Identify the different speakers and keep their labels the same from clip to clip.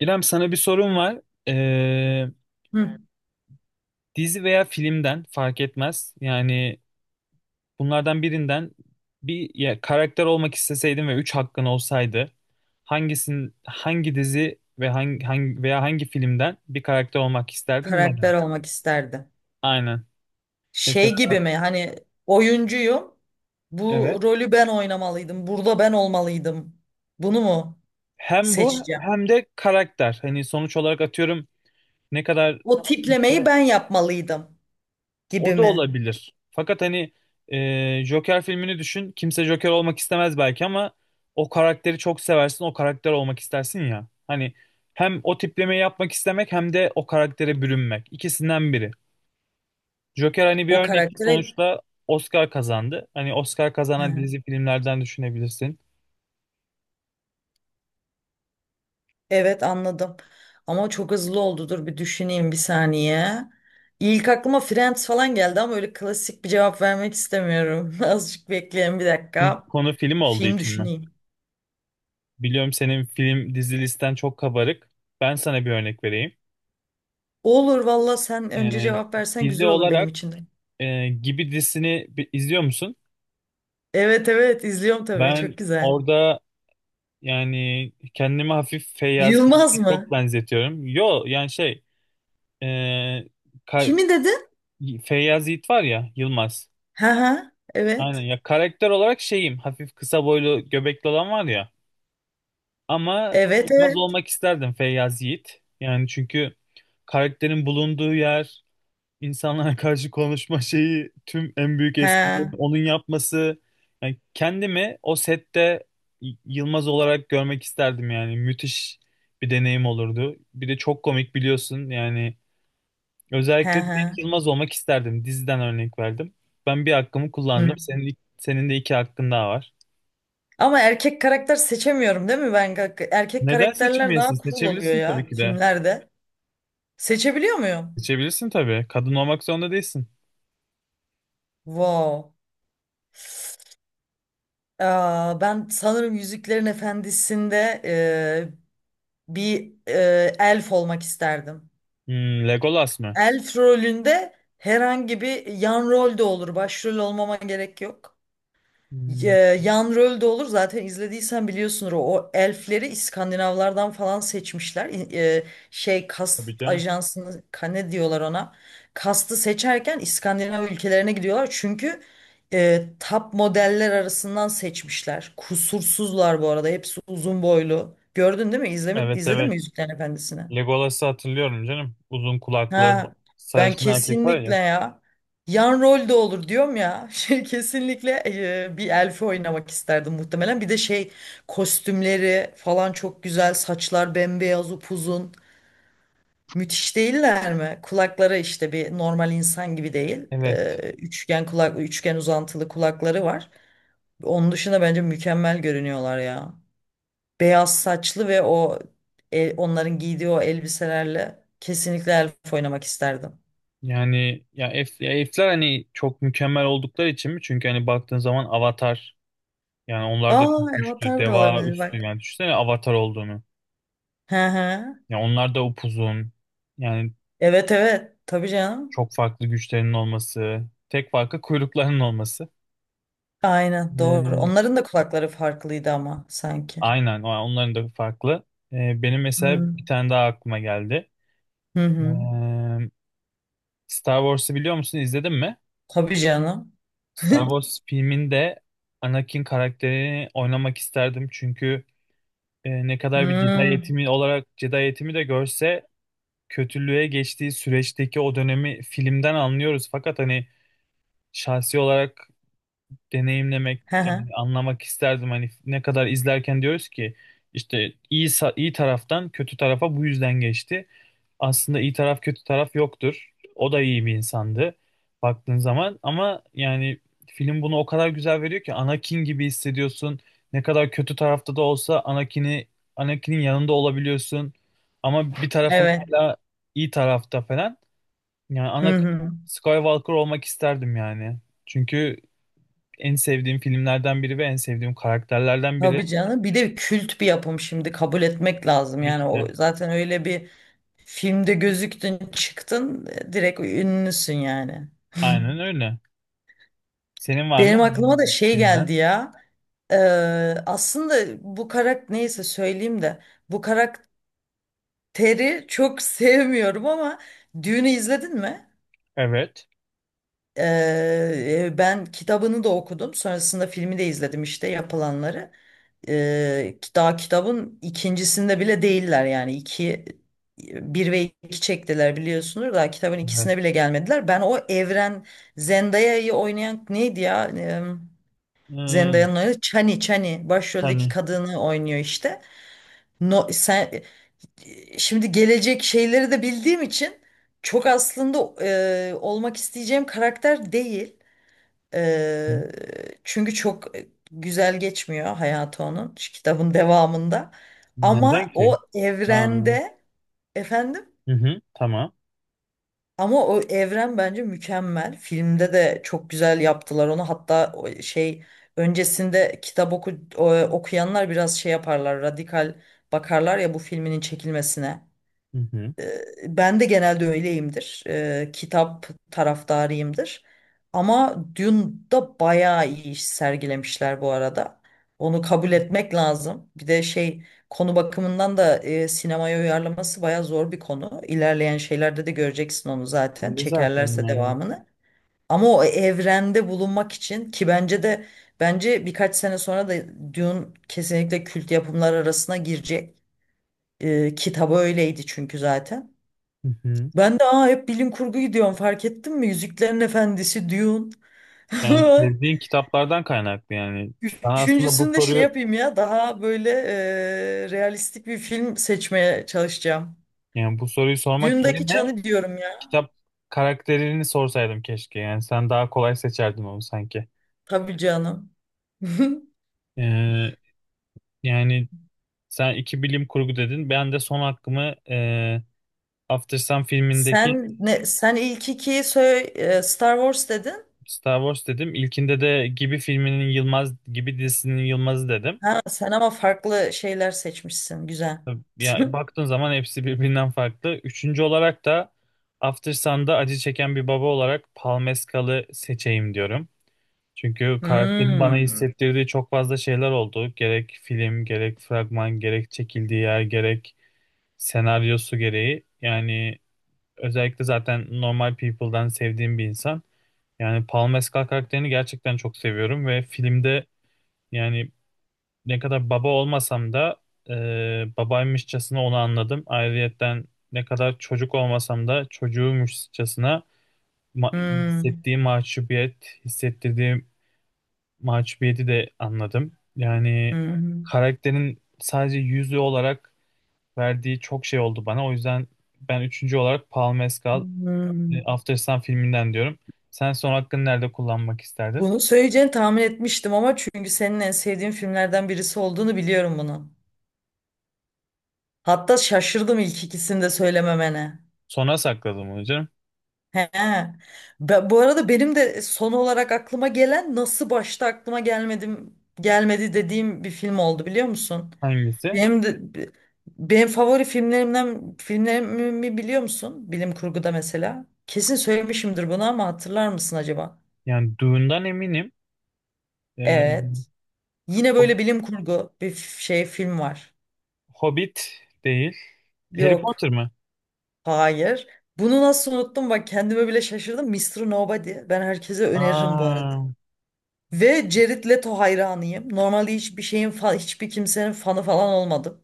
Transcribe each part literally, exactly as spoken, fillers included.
Speaker 1: İrem, sana bir sorum var. Ee,
Speaker 2: Hı.
Speaker 1: Dizi veya filmden fark etmez. Yani bunlardan birinden bir ya, karakter olmak isteseydin ve üç hakkın olsaydı hangisin hangi dizi ve hangi, hangi veya hangi filmden bir karakter olmak isterdin? Neden?
Speaker 2: Karakter olmak isterdi.
Speaker 1: Aynen. Mesela
Speaker 2: Şey gibi mi? Hani oyuncuyum. Bu
Speaker 1: evet.
Speaker 2: rolü ben oynamalıydım. Burada ben olmalıydım. Bunu mu
Speaker 1: Hem bu
Speaker 2: seçeceğim?
Speaker 1: hem de karakter. Hani sonuç olarak atıyorum ne kadar
Speaker 2: O tiplemeyi ben yapmalıydım gibi
Speaker 1: O da
Speaker 2: mi?
Speaker 1: olabilir. Fakat hani e, Joker filmini düşün. Kimse Joker olmak istemez belki ama o karakteri çok seversin, o karakter olmak istersin ya. Hani hem o tiplemeyi yapmak istemek hem de o karaktere bürünmek. İkisinden biri. Joker hani bir
Speaker 2: O
Speaker 1: örnek
Speaker 2: karaktere
Speaker 1: sonuçta Oscar kazandı. Hani Oscar kazanan
Speaker 2: hı.
Speaker 1: dizi filmlerden düşünebilirsin.
Speaker 2: Evet anladım. Ama çok hızlı oldu. Dur bir düşüneyim bir saniye. İlk aklıma Friends falan geldi ama öyle klasik bir cevap vermek istemiyorum. Azıcık bekleyin bir
Speaker 1: Çünkü
Speaker 2: dakika.
Speaker 1: konu film olduğu
Speaker 2: Film
Speaker 1: için mi?
Speaker 2: düşüneyim.
Speaker 1: Biliyorum, senin film dizi listen çok kabarık. Ben sana bir örnek vereyim.
Speaker 2: Olur valla sen önce
Speaker 1: E,
Speaker 2: cevap versen
Speaker 1: Dizi
Speaker 2: güzel olur benim
Speaker 1: olarak
Speaker 2: için de.
Speaker 1: e, Gibi dizisini bi- izliyor musun?
Speaker 2: Evet, evet izliyorum tabii,
Speaker 1: Ben
Speaker 2: çok güzel.
Speaker 1: orada yani kendimi hafif Feyyaz'la
Speaker 2: Yılmaz
Speaker 1: çok
Speaker 2: mı?
Speaker 1: benzetiyorum. Yo, yani şey e, ka-
Speaker 2: Kimi dedin?
Speaker 1: Feyyaz Yiğit var ya, Yılmaz.
Speaker 2: Ha ha,
Speaker 1: Aynen
Speaker 2: evet.
Speaker 1: ya, karakter olarak şeyim, hafif kısa boylu göbekli olan var ya. Ama
Speaker 2: Evet,
Speaker 1: Yılmaz
Speaker 2: evet.
Speaker 1: olmak isterdim, Feyyaz Yiğit. Yani çünkü karakterin bulunduğu yer, insanlara karşı konuşma şeyi, tüm en büyük eskilerin
Speaker 2: Ha
Speaker 1: onun yapması. Yani kendimi o sette Y- Yılmaz olarak görmek isterdim yani. Müthiş bir deneyim olurdu. Bir de çok komik, biliyorsun yani.
Speaker 2: ha
Speaker 1: Özellikle de
Speaker 2: ha.
Speaker 1: Yılmaz olmak isterdim. Diziden örnek verdim. Ben bir hakkımı
Speaker 2: Hı.
Speaker 1: kullandım. Senin, senin de iki hakkın daha var.
Speaker 2: Ama erkek karakter seçemiyorum değil mi ben? Ka- Erkek
Speaker 1: Neden
Speaker 2: karakterler daha
Speaker 1: seçemiyorsun?
Speaker 2: cool oluyor
Speaker 1: Seçebilirsin
Speaker 2: ya
Speaker 1: tabii ki de.
Speaker 2: filmlerde. Seçebiliyor muyum?
Speaker 1: Seçebilirsin tabii. Kadın olmak zorunda değilsin.
Speaker 2: Wow. Aa, ben sanırım Yüzüklerin Efendisi'nde e, bir e, elf olmak isterdim.
Speaker 1: Hmm, Legolas mı?
Speaker 2: Elf rolünde herhangi bir yan rol de olur. Başrol olmama gerek yok. Ee,
Speaker 1: Hmm,
Speaker 2: yan rol de olur. Zaten izlediysen biliyorsunuz o, o elfleri İskandinavlardan falan seçmişler. İ- e, şey, kast
Speaker 1: tabii canım.
Speaker 2: ajansını ka- ne diyorlar ona. Kastı seçerken İskandinav ülkelerine gidiyorlar. Çünkü e, top modeller arasından seçmişler. Kusursuzlar bu arada. Hepsi uzun boylu. Gördün değil mi? İzlemi,
Speaker 1: Evet,
Speaker 2: izledin mi
Speaker 1: evet.
Speaker 2: Yüzüklerin Efendisi'ni?
Speaker 1: Legolas'ı hatırlıyorum canım. Uzun kulaklı
Speaker 2: Ha, ben
Speaker 1: sarışın erkek var
Speaker 2: kesinlikle
Speaker 1: ya.
Speaker 2: ya yan rol de olur diyorum ya, şey, kesinlikle e, bir elfi oynamak isterdim muhtemelen. Bir de şey, kostümleri falan çok güzel, saçlar bembeyaz, upuzun, müthiş değiller mi? Kulakları işte bir normal insan gibi değil. E,
Speaker 1: Evet.
Speaker 2: üçgen kulak, üçgen uzantılı kulakları var. Onun dışında bence mükemmel görünüyorlar ya, beyaz saçlı ve o, e, onların giydiği o elbiselerle kesinlikle elf oynamak isterdim.
Speaker 1: Yani ya, F, ya F'ler hani çok mükemmel oldukları için mi? Çünkü hani baktığın zaman Avatar, yani onlar da
Speaker 2: Aa,
Speaker 1: çok güçlü.
Speaker 2: Avatar da
Speaker 1: Deva
Speaker 2: olabilir
Speaker 1: üstü,
Speaker 2: bak.
Speaker 1: yani düşünsene Avatar olduğunu.
Speaker 2: Hı hı.
Speaker 1: Ya onlar da upuzun. Yani
Speaker 2: Evet, evet. Tabii canım.
Speaker 1: çok farklı güçlerinin olması. Tek farkı kuyruklarının olması.
Speaker 2: Aynen, doğru.
Speaker 1: Ee,
Speaker 2: Onların da kulakları farklıydı ama sanki.
Speaker 1: aynen. o- Onların da farklı. Ee, benim mesela bir
Speaker 2: Hmm.
Speaker 1: tane daha aklıma geldi.
Speaker 2: Hı
Speaker 1: Ee,
Speaker 2: hı.
Speaker 1: Star Wars'ı biliyor musun? İzledin mi?
Speaker 2: Tabii canım.
Speaker 1: Star Wars filminde Anakin karakterini oynamak isterdim. Çünkü e, ne kadar bir Jedi
Speaker 2: Hmm.
Speaker 1: eğitimi olarak Jedi eğitimi de görse kötülüğe geçtiği süreçteki o dönemi filmden anlıyoruz. Fakat hani şahsi olarak deneyimlemek,
Speaker 2: Hı hı.
Speaker 1: yani anlamak isterdim. Hani ne kadar izlerken diyoruz ki işte iyi sa- iyi taraftan kötü tarafa bu yüzden geçti. Aslında iyi taraf kötü taraf yoktur. O da iyi bir insandı baktığın zaman, ama yani film bunu o kadar güzel veriyor ki Anakin gibi hissediyorsun. Ne kadar kötü tarafta da olsa Anakin'i Anakin'in yanında olabiliyorsun. Ama bir tarafın
Speaker 2: Evet.
Speaker 1: hala iyi tarafta falan. Yani
Speaker 2: Hı
Speaker 1: Anakin
Speaker 2: hı.
Speaker 1: Skywalker olmak isterdim yani. Çünkü en sevdiğim filmlerden biri ve en sevdiğim karakterlerden biri.
Speaker 2: Tabii canım. Bir de kült bir yapım, şimdi kabul etmek lazım.
Speaker 1: Tabii
Speaker 2: Yani
Speaker 1: ki
Speaker 2: o
Speaker 1: de.
Speaker 2: zaten öyle bir filmde gözüktün, çıktın, e, direkt ünlüsün yani.
Speaker 1: Aynen öyle. Senin var mı?
Speaker 2: Benim aklıma
Speaker 1: Hangi
Speaker 2: da
Speaker 1: bir
Speaker 2: şey
Speaker 1: filmden.
Speaker 2: geldi ya. Ee, aslında bu karakter neyse söyleyeyim de bu karakteri çok sevmiyorum ama, Düğün'ü izledin mi?
Speaker 1: Evet.
Speaker 2: Ee, ben kitabını da okudum. Sonrasında filmi de izledim işte, yapılanları. Ee, daha kitabın ikincisinde bile değiller yani, iki, bir ve iki çektiler biliyorsunuz. Daha kitabın ikisine
Speaker 1: Evet.
Speaker 2: bile gelmediler. Ben o evren, Zendaya'yı oynayan neydi ya? Ee,
Speaker 1: Hmm,
Speaker 2: Zendaya'nın oynadığı Chani, Chani başroldeki
Speaker 1: yani,
Speaker 2: kadını oynuyor işte. No, sen e, şimdi gelecek şeyleri de bildiğim için çok aslında e, olmak isteyeceğim karakter değil.
Speaker 1: hı.
Speaker 2: E, çünkü çok e, güzel geçmiyor hayatı onun şu kitabın devamında.
Speaker 1: Neden
Speaker 2: Ama o
Speaker 1: ki? Aa,
Speaker 2: evrende, efendim,
Speaker 1: hı hı, tamam.
Speaker 2: ama o evren bence mükemmel. Filmde de çok güzel yaptılar onu. Hatta o şey, öncesinde kitap oku, o- okuyanlar biraz şey yaparlar, radikal bakarlar ya bu filminin çekilmesine.
Speaker 1: Hı hı.
Speaker 2: E, ben de genelde öyleyimdir. E, kitap taraftarıyımdır. Ama Dune'da bayağı iyi iş sergilemişler bu arada. Onu kabul etmek lazım. Bir de şey, konu bakımından da e, sinemaya uyarlaması bayağı zor bir konu. İlerleyen şeylerde de göreceksin onu zaten,
Speaker 1: Ne zaten
Speaker 2: çekerlerse
Speaker 1: yani.
Speaker 2: devamını. Ama o evrende bulunmak için, ki bence de, bence birkaç sene sonra da Dune kesinlikle kült yapımlar arasına girecek. E, kitabı öyleydi çünkü zaten.
Speaker 1: Hı hı.
Speaker 2: Ben de aa, hep bilim kurgu gidiyorum, fark ettin mi? Yüzüklerin Efendisi, Dune.
Speaker 1: Yani sevdiğin kitaplardan kaynaklı yani. Sana aslında bu
Speaker 2: Üçüncüsünü de şey
Speaker 1: soruyu
Speaker 2: yapayım ya, daha böyle eee, realistik bir film seçmeye çalışacağım.
Speaker 1: yani bu soruyu sormak
Speaker 2: Dune'daki
Speaker 1: yerine
Speaker 2: Çan'ı diyorum ya.
Speaker 1: kitap karakterini sorsaydım keşke. Yani sen daha kolay seçerdin onu sanki.
Speaker 2: Tabii canım.
Speaker 1: Ee, Yani sen iki bilim kurgu dedin. Ben de son hakkımı e, After Sun filmindeki
Speaker 2: Sen ne sen ilk ikiyi söyle, eee, Star Wars dedin.
Speaker 1: Star Wars dedim. İlkinde de Gibi filminin Yılmaz, Gibi dizisinin Yılmaz'ı dedim.
Speaker 2: Ha, sen ama farklı şeyler seçmişsin. Güzel.
Speaker 1: Ya baktığın zaman hepsi birbirinden farklı. Üçüncü olarak da After Sun'da acı çeken bir baba olarak Paul Mescal'ı seçeyim diyorum. Çünkü karakterin bana
Speaker 2: Hmm.
Speaker 1: hissettirdiği çok fazla şeyler oldu. Gerek film, gerek fragman, gerek çekildiği yer, gerek senaryosu gereği. Yani özellikle zaten Normal People'dan sevdiğim bir insan. Yani Paul Mescal karakterini gerçekten çok seviyorum ve filmde yani ne kadar baba olmasam da e, babaymışçasına onu anladım. Ayrıyetten ne kadar çocuk olmasam da çocuğuymuşçasına ma-
Speaker 2: Hmm.
Speaker 1: hissettiği mahcubiyet, hissettirdiği mahcubiyeti de anladım. Yani
Speaker 2: Hmm.
Speaker 1: karakterin sadece yüzü olarak verdiği çok şey oldu bana. O yüzden ben üçüncü olarak Paul Mescal, E,
Speaker 2: Hmm.
Speaker 1: After Sun filminden diyorum. Sen son hakkını nerede kullanmak isterdin?
Speaker 2: Bunu söyleyeceğini tahmin etmiştim ama, çünkü senin en sevdiğin filmlerden birisi olduğunu biliyorum bunu. Hatta şaşırdım ilk ikisini de söylememene.
Speaker 1: Sona sakladım onu canım.
Speaker 2: He. Be- bu arada benim de son olarak aklıma gelen, nasıl başta aklıma gelmedim gelmedi dediğim bir film oldu, biliyor musun?
Speaker 1: Hangisi?
Speaker 2: Benim de, benim favori filmlerimden filmlerimi biliyor musun? Bilim kurguda mesela. Kesin söylemişimdir bunu ama hatırlar mısın acaba?
Speaker 1: Yani Dune'dan eminim. E,
Speaker 2: Evet. Yine
Speaker 1: Ho-
Speaker 2: böyle bilim kurgu bir f- şey film var.
Speaker 1: Hobbit değil. Harry
Speaker 2: Yok.
Speaker 1: Potter mı?
Speaker 2: Hayır. Bunu nasıl unuttum, bak kendime bile şaşırdım. Mister Nobody. Ben herkese öneririm bu arada.
Speaker 1: Aa,
Speaker 2: Ve Jared Leto hayranıyım. Normalde hiçbir şeyin fa- hiçbir kimsenin fanı falan olmadım.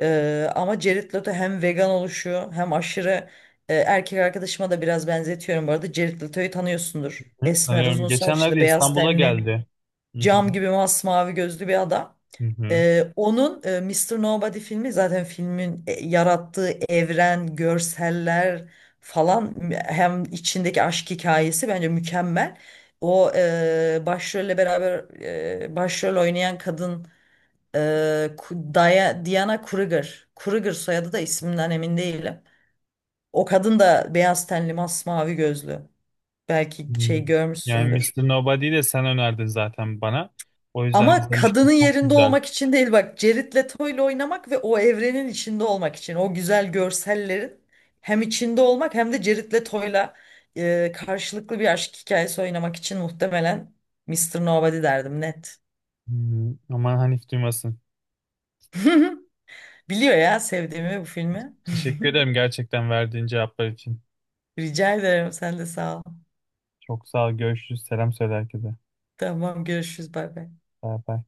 Speaker 2: Ee, ama Jared Leto hem vegan oluşuyor, hem aşırı e, erkek arkadaşıma da biraz benzetiyorum bu arada. Jared Leto'yu tanıyorsundur.
Speaker 1: hı,
Speaker 2: Esmer,
Speaker 1: tanıyorum.
Speaker 2: uzun saçlı,
Speaker 1: Geçenlerde
Speaker 2: beyaz
Speaker 1: İstanbul'a
Speaker 2: tenli,
Speaker 1: geldi. Hı hı,
Speaker 2: cam gibi masmavi gözlü bir adam.
Speaker 1: hı hı.
Speaker 2: Ee, onun e, mister Nobody filmi, zaten filmin e, yarattığı evren, görseller falan, m- hem içindeki aşk hikayesi bence mükemmel. O e, başrolle beraber e, başrol oynayan kadın, e, Ku- Daya- Diana Kruger. Kruger soyadı da, isminden emin değilim. O kadın da beyaz tenli, masmavi gözlü. Belki
Speaker 1: Hmm.
Speaker 2: şey,
Speaker 1: Yani
Speaker 2: görmüşsündür.
Speaker 1: mister Nobody'yi de sen önerdin zaten bana. O yüzden
Speaker 2: Ama kadının
Speaker 1: izlemiştim. Çok
Speaker 2: yerinde
Speaker 1: güzel.
Speaker 2: olmak için değil bak, Jared Leto'yla oynamak ve o evrenin içinde olmak için, o güzel görsellerin hem içinde olmak hem de Jared Leto'yla e, karşılıklı bir aşk hikayesi oynamak için, muhtemelen mister Nobody derdim, net.
Speaker 1: Hmm, aman Hanif duymasın.
Speaker 2: Biliyor ya sevdiğimi bu filmi.
Speaker 1: Teşekkür ederim gerçekten verdiğin cevaplar için.
Speaker 2: Rica ederim, sen de sağ ol.
Speaker 1: Çok sağ ol. Görüşürüz. Selam söyle herkese.
Speaker 2: Tamam, görüşürüz, bay bay.
Speaker 1: Bay bay.